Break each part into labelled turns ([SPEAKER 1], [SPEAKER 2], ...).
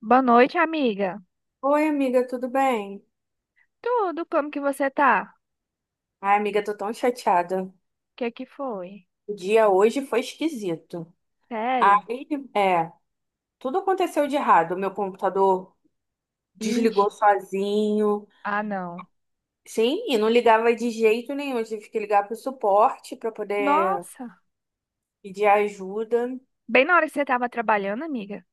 [SPEAKER 1] Boa noite, amiga.
[SPEAKER 2] Oi, amiga, tudo bem?
[SPEAKER 1] Tudo, como que você tá?
[SPEAKER 2] Ai, amiga, tô tão chateada.
[SPEAKER 1] O que é que foi?
[SPEAKER 2] O dia hoje foi esquisito.
[SPEAKER 1] Sério?
[SPEAKER 2] Aí, é, tudo aconteceu de errado. Meu computador
[SPEAKER 1] Ixi,
[SPEAKER 2] desligou sozinho.
[SPEAKER 1] ah, não.
[SPEAKER 2] Sim, e não ligava de jeito nenhum. Eu tive que ligar pro suporte para poder
[SPEAKER 1] Nossa,
[SPEAKER 2] pedir ajuda.
[SPEAKER 1] bem na hora que você tava trabalhando, amiga?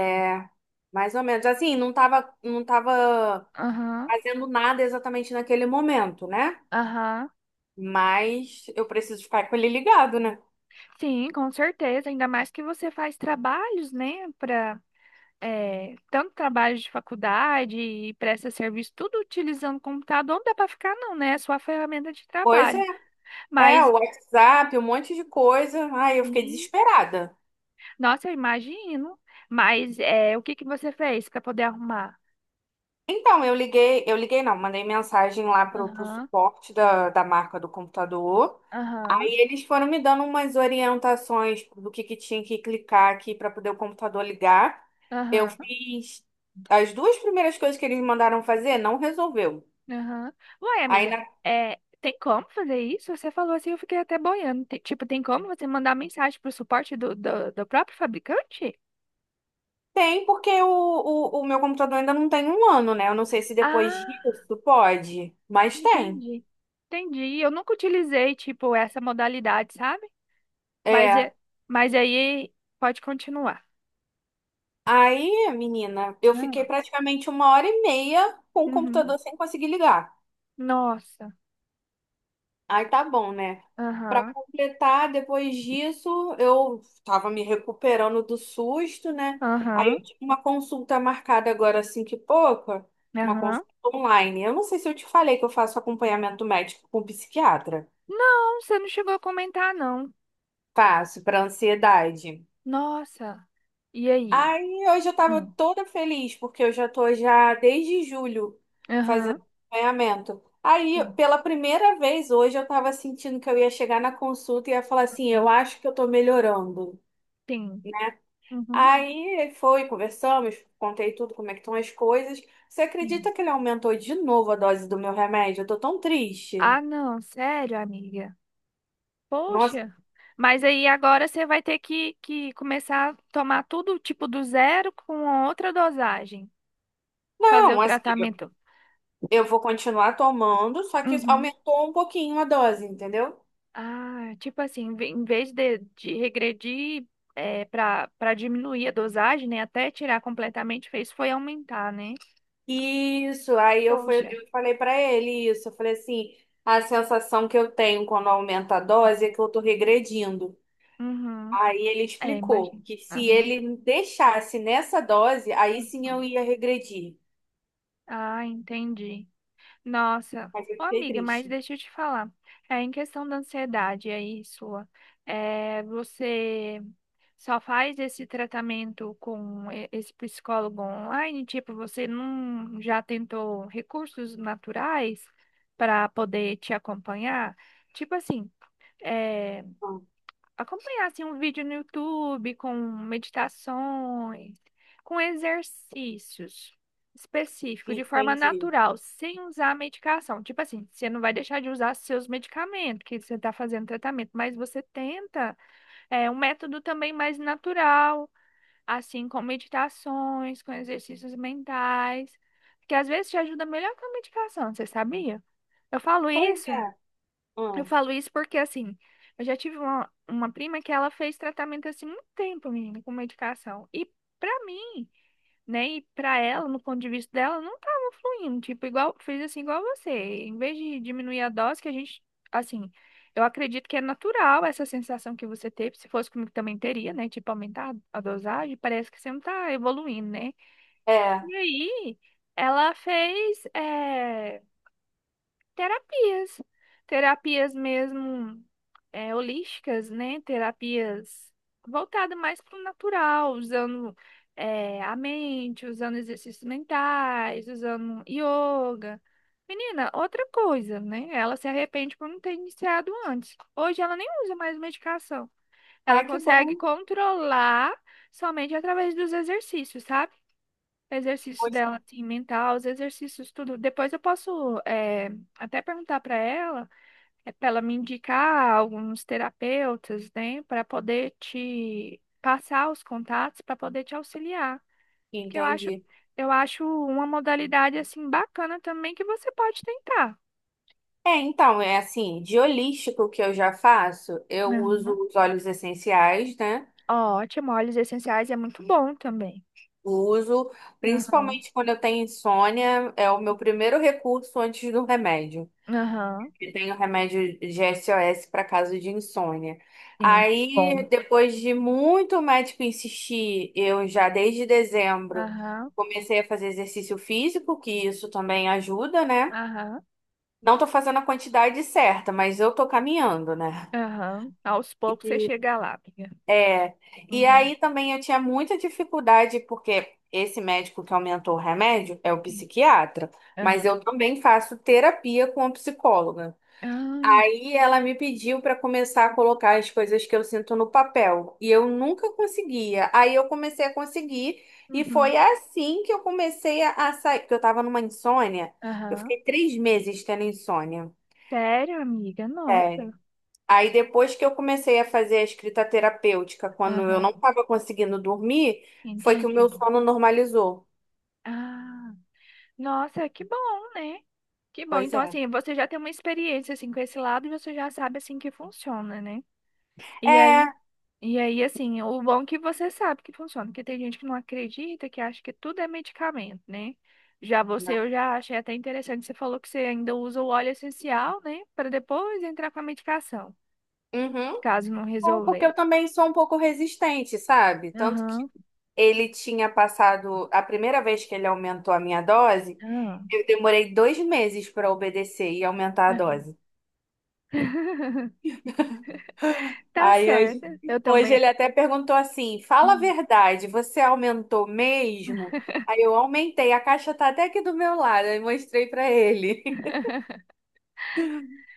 [SPEAKER 2] É, mais ou menos assim, não tava
[SPEAKER 1] Aham,
[SPEAKER 2] fazendo nada exatamente naquele momento, né?
[SPEAKER 1] aham.
[SPEAKER 2] Mas eu preciso ficar com ele ligado, né?
[SPEAKER 1] Sim, com certeza. Ainda mais que você faz trabalhos, né? Pra, tanto trabalho de faculdade e presta serviço, tudo utilizando o computador. Não dá pra ficar, não, né? É sua ferramenta de
[SPEAKER 2] Pois é.
[SPEAKER 1] trabalho. Mas,
[SPEAKER 2] O WhatsApp, um monte de coisa. Ai, eu fiquei
[SPEAKER 1] sim,
[SPEAKER 2] desesperada.
[SPEAKER 1] nossa, eu imagino. Mas, o que que você fez pra poder arrumar?
[SPEAKER 2] Então, eu liguei não, mandei mensagem lá pro
[SPEAKER 1] Aham.
[SPEAKER 2] suporte da marca do computador.
[SPEAKER 1] Aham,
[SPEAKER 2] Aí eles foram me dando umas orientações do que tinha que clicar aqui para poder o computador ligar. Eu
[SPEAKER 1] aham,
[SPEAKER 2] fiz as duas primeiras coisas que eles mandaram fazer, não resolveu.
[SPEAKER 1] aham. Uai, amiga,
[SPEAKER 2] Ainda
[SPEAKER 1] tem como fazer isso? Você falou assim, eu fiquei até boiando. Tipo, tem como você mandar mensagem pro suporte do próprio fabricante?
[SPEAKER 2] tem, porque o meu computador ainda não tem um ano, né? Eu não sei se depois
[SPEAKER 1] Ah,
[SPEAKER 2] disso pode, mas tem.
[SPEAKER 1] entendi. Entendi. Eu nunca utilizei, tipo, essa modalidade, sabe? Mas,
[SPEAKER 2] É.
[SPEAKER 1] é, mas aí pode continuar.
[SPEAKER 2] Aí, menina, eu fiquei
[SPEAKER 1] Ah.
[SPEAKER 2] praticamente uma hora e meia com o
[SPEAKER 1] Uhum.
[SPEAKER 2] computador sem conseguir ligar.
[SPEAKER 1] Nossa.
[SPEAKER 2] Aí tá bom, né? Pra
[SPEAKER 1] Aham,
[SPEAKER 2] completar, depois disso, eu tava me recuperando do susto, né? Aí eu
[SPEAKER 1] aham,
[SPEAKER 2] tinha uma consulta marcada agora assim que pouca, uma
[SPEAKER 1] aham.
[SPEAKER 2] consulta online. Eu não sei se eu te falei que eu faço acompanhamento médico com psiquiatra.
[SPEAKER 1] Não, você não chegou a comentar, não.
[SPEAKER 2] Faço para ansiedade.
[SPEAKER 1] Nossa. E aí?
[SPEAKER 2] Aí hoje eu tava
[SPEAKER 1] Hum.
[SPEAKER 2] toda feliz, porque eu já tô já desde julho fazendo
[SPEAKER 1] Aham.
[SPEAKER 2] acompanhamento. Aí, pela primeira vez hoje, eu tava sentindo que eu ia chegar na consulta e ia falar assim, eu
[SPEAKER 1] Hum,
[SPEAKER 2] acho que eu tô melhorando.
[SPEAKER 1] sim. Uhum.
[SPEAKER 2] Aí foi, conversamos, contei tudo, como é que estão as coisas. Você
[SPEAKER 1] Sim.
[SPEAKER 2] acredita que ele aumentou de novo a dose do meu remédio? Eu tô tão triste.
[SPEAKER 1] Ah, não, sério, amiga.
[SPEAKER 2] Nossa,
[SPEAKER 1] Poxa, mas aí agora você vai ter que começar a tomar tudo tipo do zero com outra dosagem, fazer o
[SPEAKER 2] não, assim, eu
[SPEAKER 1] tratamento.
[SPEAKER 2] eu vou continuar tomando, só que
[SPEAKER 1] Uhum.
[SPEAKER 2] aumentou um pouquinho a dose, entendeu?
[SPEAKER 1] Ah, tipo assim, em vez de regredir para diminuir a dosagem, né, até tirar completamente, fez foi aumentar, né?
[SPEAKER 2] Isso, aí eu, fui,
[SPEAKER 1] Poxa.
[SPEAKER 2] eu falei pra ele isso. Eu falei assim: a sensação que eu tenho quando aumenta a dose é que eu tô regredindo.
[SPEAKER 1] Uhum.
[SPEAKER 2] Aí ele
[SPEAKER 1] É,
[SPEAKER 2] explicou
[SPEAKER 1] imagina.
[SPEAKER 2] que se
[SPEAKER 1] Uhum.
[SPEAKER 2] ele me deixasse nessa dose, aí sim
[SPEAKER 1] Uhum.
[SPEAKER 2] eu ia regredir.
[SPEAKER 1] Ah, entendi. Nossa,
[SPEAKER 2] Mas eu
[SPEAKER 1] ô
[SPEAKER 2] fiquei
[SPEAKER 1] amiga, mas
[SPEAKER 2] triste.
[SPEAKER 1] deixa eu te falar. É, em questão da ansiedade aí sua, você só faz esse tratamento com esse psicólogo online? Tipo, você não já tentou recursos naturais para poder te acompanhar? Tipo assim, é,
[SPEAKER 2] Hum,
[SPEAKER 1] acompanhar assim, um vídeo no YouTube com meditações, com exercícios específicos, de forma
[SPEAKER 2] entendi.
[SPEAKER 1] natural, sem usar medicação. Tipo assim, você não vai deixar de usar seus medicamentos, que você está fazendo tratamento, mas você tenta um método também mais natural, assim, com meditações, com exercícios mentais, que às vezes te ajuda melhor que a medicação, você sabia? Eu falo
[SPEAKER 2] Pois
[SPEAKER 1] isso.
[SPEAKER 2] é.
[SPEAKER 1] Eu
[SPEAKER 2] Hum,
[SPEAKER 1] falo isso porque, assim, eu já tive uma prima que ela fez tratamento assim muito tempo, menina, com medicação. E pra mim, né, e pra ela, no ponto de vista dela, não tava fluindo. Tipo, igual, fez assim igual você. Em vez de diminuir a dose, que a gente, assim, eu acredito que é natural essa sensação que você teve. Se fosse comigo também teria, né? Tipo, aumentar a dosagem, parece que você não tá evoluindo, né?
[SPEAKER 2] é.
[SPEAKER 1] E aí, ela fez. Terapias. Terapias mesmo holísticas, né? Terapias voltadas mais para o natural, usando a mente, usando exercícios mentais, usando yoga. Menina, outra coisa, né? Ela se arrepende por não ter iniciado antes. Hoje ela nem usa mais medicação. Ela
[SPEAKER 2] Ai, que
[SPEAKER 1] consegue
[SPEAKER 2] bom.
[SPEAKER 1] controlar somente através dos exercícios, sabe? Exercício
[SPEAKER 2] Poxa.
[SPEAKER 1] dela, assim, mental, os exercícios, tudo. Depois eu posso até perguntar para ela, para ela me indicar alguns terapeutas, né, para poder te passar os contatos, para poder te auxiliar. Porque
[SPEAKER 2] Entendi.
[SPEAKER 1] eu acho uma modalidade, assim, bacana também que você pode tentar.
[SPEAKER 2] É, então, é assim, de holístico que eu já faço, eu uso
[SPEAKER 1] Aham.
[SPEAKER 2] os óleos essenciais, né?
[SPEAKER 1] Ótimo, óleos essenciais é muito bom também.
[SPEAKER 2] Uso,
[SPEAKER 1] Aham,
[SPEAKER 2] principalmente quando eu tenho insônia, é o meu primeiro recurso antes do remédio.
[SPEAKER 1] aham,
[SPEAKER 2] Eu tenho remédio de SOS para caso de insônia.
[SPEAKER 1] sim, que bom.
[SPEAKER 2] Aí, depois de muito médico insistir, eu já desde dezembro
[SPEAKER 1] Aham,
[SPEAKER 2] comecei a fazer exercício físico, que isso também ajuda, né?
[SPEAKER 1] aham,
[SPEAKER 2] Não tô fazendo a quantidade certa, mas eu tô caminhando, né?
[SPEAKER 1] aham. Aos poucos você chega lá, amiga.
[SPEAKER 2] É, e
[SPEAKER 1] Uhum.
[SPEAKER 2] aí também eu tinha muita dificuldade, porque esse médico que aumentou o remédio é o
[SPEAKER 1] Sim.
[SPEAKER 2] psiquiatra, mas
[SPEAKER 1] Aham.
[SPEAKER 2] eu também faço terapia com a psicóloga.
[SPEAKER 1] Ah,
[SPEAKER 2] Aí ela me pediu para começar a colocar as coisas que eu sinto no papel, e eu nunca conseguia. Aí eu comecei a conseguir, e
[SPEAKER 1] uhum.
[SPEAKER 2] foi assim que eu comecei a sair, porque eu estava numa insônia, eu
[SPEAKER 1] Aham.
[SPEAKER 2] fiquei 3 meses tendo insônia.
[SPEAKER 1] Sério, amiga?
[SPEAKER 2] É.
[SPEAKER 1] Nossa,
[SPEAKER 2] Aí depois que eu comecei a fazer a escrita terapêutica, quando eu não
[SPEAKER 1] aham,
[SPEAKER 2] estava conseguindo dormir, foi que o meu
[SPEAKER 1] entendi.
[SPEAKER 2] sono normalizou.
[SPEAKER 1] Ah, nossa, que bom, né? Que bom.
[SPEAKER 2] Pois
[SPEAKER 1] Então,
[SPEAKER 2] é.
[SPEAKER 1] assim, você já tem uma experiência, assim, com esse lado e você já sabe, assim, que funciona, né? E
[SPEAKER 2] É.
[SPEAKER 1] aí, e aí, assim, o bom é que você sabe que funciona, porque tem gente que não acredita, que acha que tudo é medicamento, né? Já você,
[SPEAKER 2] Né?
[SPEAKER 1] eu já achei até interessante, você falou que você ainda usa o óleo essencial, né? Para depois entrar com a medicação,
[SPEAKER 2] Uhum.
[SPEAKER 1] caso não
[SPEAKER 2] É, porque
[SPEAKER 1] resolver.
[SPEAKER 2] eu também sou um pouco resistente, sabe? Tanto que
[SPEAKER 1] Aham.
[SPEAKER 2] ele tinha passado, a primeira vez que ele aumentou a minha dose,
[SPEAKER 1] Ah.
[SPEAKER 2] eu demorei 2 meses para obedecer e aumentar a dose.
[SPEAKER 1] Tá
[SPEAKER 2] Aí
[SPEAKER 1] certo,
[SPEAKER 2] hoje,
[SPEAKER 1] eu
[SPEAKER 2] hoje ele
[SPEAKER 1] também.
[SPEAKER 2] até perguntou assim: fala a
[SPEAKER 1] Hum.
[SPEAKER 2] verdade, você aumentou mesmo? Aí eu aumentei, a caixa tá até aqui do meu lado, aí mostrei pra ele.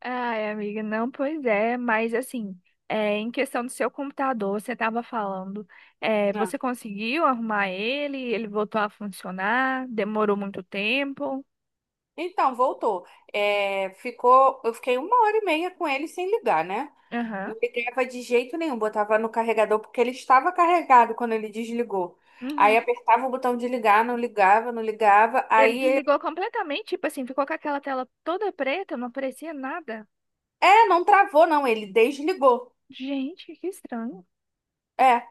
[SPEAKER 1] Ai, amiga, não, pois é, mas assim, em questão do seu computador, você estava falando,
[SPEAKER 2] Ah,
[SPEAKER 1] você conseguiu arrumar ele? Ele voltou a funcionar? Demorou muito tempo?
[SPEAKER 2] então, voltou. É, ficou, eu fiquei uma hora e meia com ele sem ligar, né?
[SPEAKER 1] Aham.
[SPEAKER 2] Não ligava de jeito nenhum, botava no carregador porque ele estava carregado quando ele desligou. Aí
[SPEAKER 1] Uhum.
[SPEAKER 2] apertava o botão de ligar, não ligava, não ligava.
[SPEAKER 1] Ele
[SPEAKER 2] Aí, ele-
[SPEAKER 1] desligou completamente, tipo assim, ficou com aquela tela toda preta, não aparecia nada.
[SPEAKER 2] é, não travou, não, ele desligou.
[SPEAKER 1] Gente, que estranho.
[SPEAKER 2] É.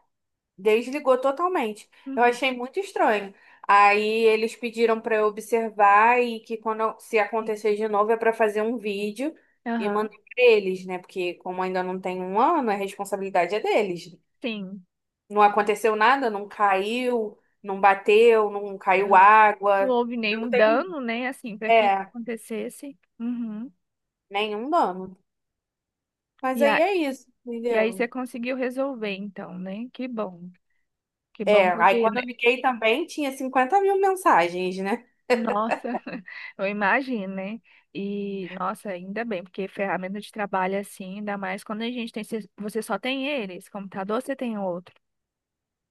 [SPEAKER 2] Desligou totalmente. Eu
[SPEAKER 1] Uhum.
[SPEAKER 2] achei muito estranho. Aí eles pediram para eu observar e que quando se
[SPEAKER 1] Sim.
[SPEAKER 2] acontecer de novo é para fazer um vídeo e
[SPEAKER 1] Aham.
[SPEAKER 2] mandar para eles, né? Porque como ainda não tem um ano, a responsabilidade é deles.
[SPEAKER 1] Sim.
[SPEAKER 2] Não aconteceu nada, não caiu, não bateu, não caiu
[SPEAKER 1] Não
[SPEAKER 2] água.
[SPEAKER 1] houve
[SPEAKER 2] Eu
[SPEAKER 1] nenhum
[SPEAKER 2] tenho,
[SPEAKER 1] dano, né? Assim, para que isso
[SPEAKER 2] é,
[SPEAKER 1] acontecesse. Uhum.
[SPEAKER 2] nenhum dano. Mas
[SPEAKER 1] E,
[SPEAKER 2] aí
[SPEAKER 1] a,
[SPEAKER 2] é isso,
[SPEAKER 1] e aí você
[SPEAKER 2] entendeu?
[SPEAKER 1] conseguiu resolver, então, né? Que bom. Que bom,
[SPEAKER 2] É, aí
[SPEAKER 1] porque,
[SPEAKER 2] quando eu
[SPEAKER 1] né?
[SPEAKER 2] liguei também tinha 50.000 mensagens, né?
[SPEAKER 1] Nossa, eu imagino, né? E, nossa, ainda bem, porque ferramenta de trabalho assim, ainda mais quando a gente tem. Você só tem eles, computador você tem outro.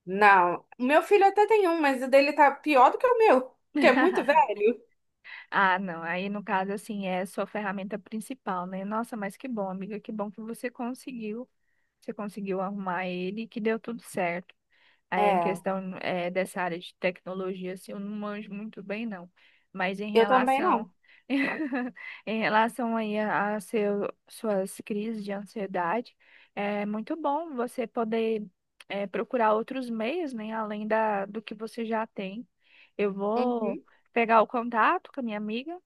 [SPEAKER 2] Não, o meu filho até tem um, mas o dele tá pior do que o meu, que é muito velho.
[SPEAKER 1] Ah, não. Aí, no caso, assim, é a sua ferramenta principal, né? Nossa, mas que bom, amiga, que bom que você conseguiu. Você conseguiu arrumar ele e que deu tudo certo. É, em
[SPEAKER 2] É,
[SPEAKER 1] questão dessa área de tecnologia, assim, eu não manjo muito bem, não. Mas em
[SPEAKER 2] eu também não.
[SPEAKER 1] relação, em relação aí a seu, suas crises de ansiedade, é muito bom você poder procurar outros meios, né, além da, do que você já tem. Eu vou
[SPEAKER 2] Uhum.
[SPEAKER 1] pegar o contato com a minha amiga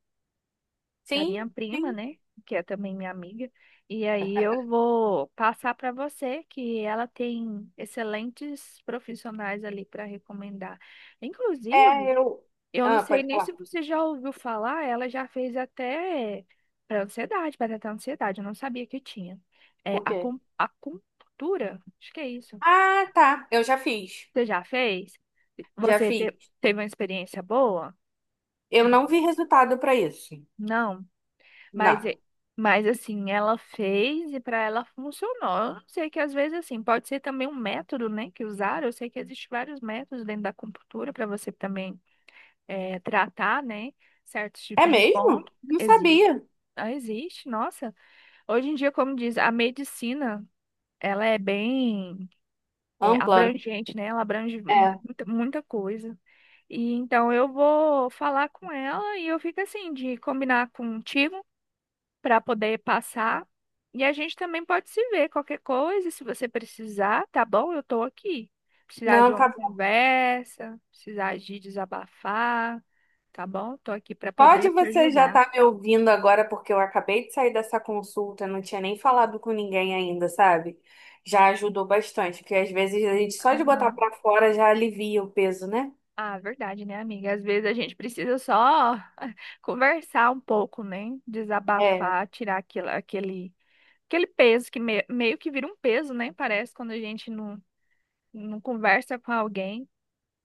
[SPEAKER 1] da
[SPEAKER 2] Sim,
[SPEAKER 1] minha prima,
[SPEAKER 2] sim.
[SPEAKER 1] né? Que é também minha amiga. E aí eu vou passar para você que ela tem excelentes profissionais ali para recomendar.
[SPEAKER 2] É,
[SPEAKER 1] Inclusive,
[SPEAKER 2] eu.
[SPEAKER 1] eu não
[SPEAKER 2] Ah,
[SPEAKER 1] sei
[SPEAKER 2] pode
[SPEAKER 1] nem
[SPEAKER 2] falar.
[SPEAKER 1] se você já ouviu falar, ela já fez até para ansiedade, para tratar ansiedade, eu não sabia que tinha. É
[SPEAKER 2] O quê?
[SPEAKER 1] acupuntura, acho que é isso.
[SPEAKER 2] Ah, tá. Eu já fiz.
[SPEAKER 1] Você já fez?
[SPEAKER 2] Já fiz.
[SPEAKER 1] Teve uma experiência boa?
[SPEAKER 2] Eu não vi resultado pra isso.
[SPEAKER 1] Não. Mas,
[SPEAKER 2] Não.
[SPEAKER 1] é, mas assim, ela fez e para ela funcionou. Eu não sei que às vezes assim, pode ser também um método, né, que usaram. Eu sei que existem vários métodos dentro da acupuntura para você também tratar, né, certos
[SPEAKER 2] É
[SPEAKER 1] tipos de
[SPEAKER 2] mesmo?
[SPEAKER 1] pontos.
[SPEAKER 2] Não
[SPEAKER 1] Existe.
[SPEAKER 2] sabia.
[SPEAKER 1] Ah, existe, nossa. Hoje em dia, como diz, a medicina, ela é bem
[SPEAKER 2] Ampla.
[SPEAKER 1] abrangente, né? Ela abrange
[SPEAKER 2] É.
[SPEAKER 1] muita, muita coisa. E então eu vou falar com ela e eu fico assim, de combinar contigo para poder passar. E a gente também pode se ver qualquer coisa, se você precisar, tá bom? Eu tô aqui. Precisar de
[SPEAKER 2] Não,
[SPEAKER 1] uma
[SPEAKER 2] tá.
[SPEAKER 1] conversa, precisar de desabafar, tá bom? Tô aqui para
[SPEAKER 2] Pode
[SPEAKER 1] poder te
[SPEAKER 2] você já
[SPEAKER 1] ajudar.
[SPEAKER 2] estar me ouvindo agora, porque eu acabei de sair dessa consulta, não tinha nem falado com ninguém ainda, sabe? Já ajudou bastante, porque às vezes a gente só de botar
[SPEAKER 1] Aham.
[SPEAKER 2] pra fora já alivia o peso, né?
[SPEAKER 1] Ah, verdade, né, amiga? Às vezes a gente precisa só conversar um pouco, né?
[SPEAKER 2] É,
[SPEAKER 1] Desabafar, tirar aquilo, aquele, aquele peso que meio que vira um peso, né? Parece quando a gente não, não conversa com alguém.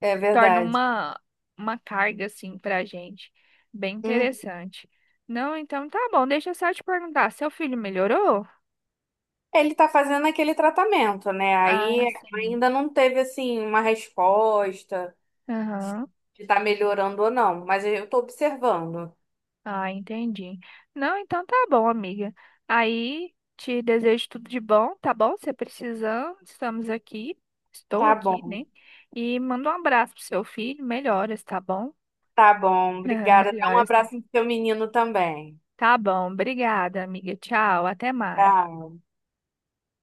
[SPEAKER 2] é
[SPEAKER 1] Torna
[SPEAKER 2] verdade.
[SPEAKER 1] uma carga, assim, pra gente. Bem
[SPEAKER 2] Hum.
[SPEAKER 1] interessante. Não, então tá bom. Deixa eu só te perguntar, seu filho melhorou?
[SPEAKER 2] Ele tá fazendo aquele tratamento, né?
[SPEAKER 1] Ah,
[SPEAKER 2] Aí
[SPEAKER 1] sim.
[SPEAKER 2] ainda não teve, assim, uma resposta
[SPEAKER 1] Aham.
[SPEAKER 2] de tá melhorando ou não, mas eu tô observando.
[SPEAKER 1] Ah, entendi. Não, então tá bom, amiga. Aí te desejo tudo de bom, tá bom? Se precisando, estamos aqui. Estou
[SPEAKER 2] Tá
[SPEAKER 1] aqui,
[SPEAKER 2] bom,
[SPEAKER 1] né? E manda um abraço pro seu filho. Melhoras, tá bom?
[SPEAKER 2] tá bom.
[SPEAKER 1] Ah,
[SPEAKER 2] Obrigada. Dá um
[SPEAKER 1] melhoras.
[SPEAKER 2] abraço no seu menino também.
[SPEAKER 1] Tá bom. Obrigada, amiga. Tchau. Até mais.
[SPEAKER 2] Tchau.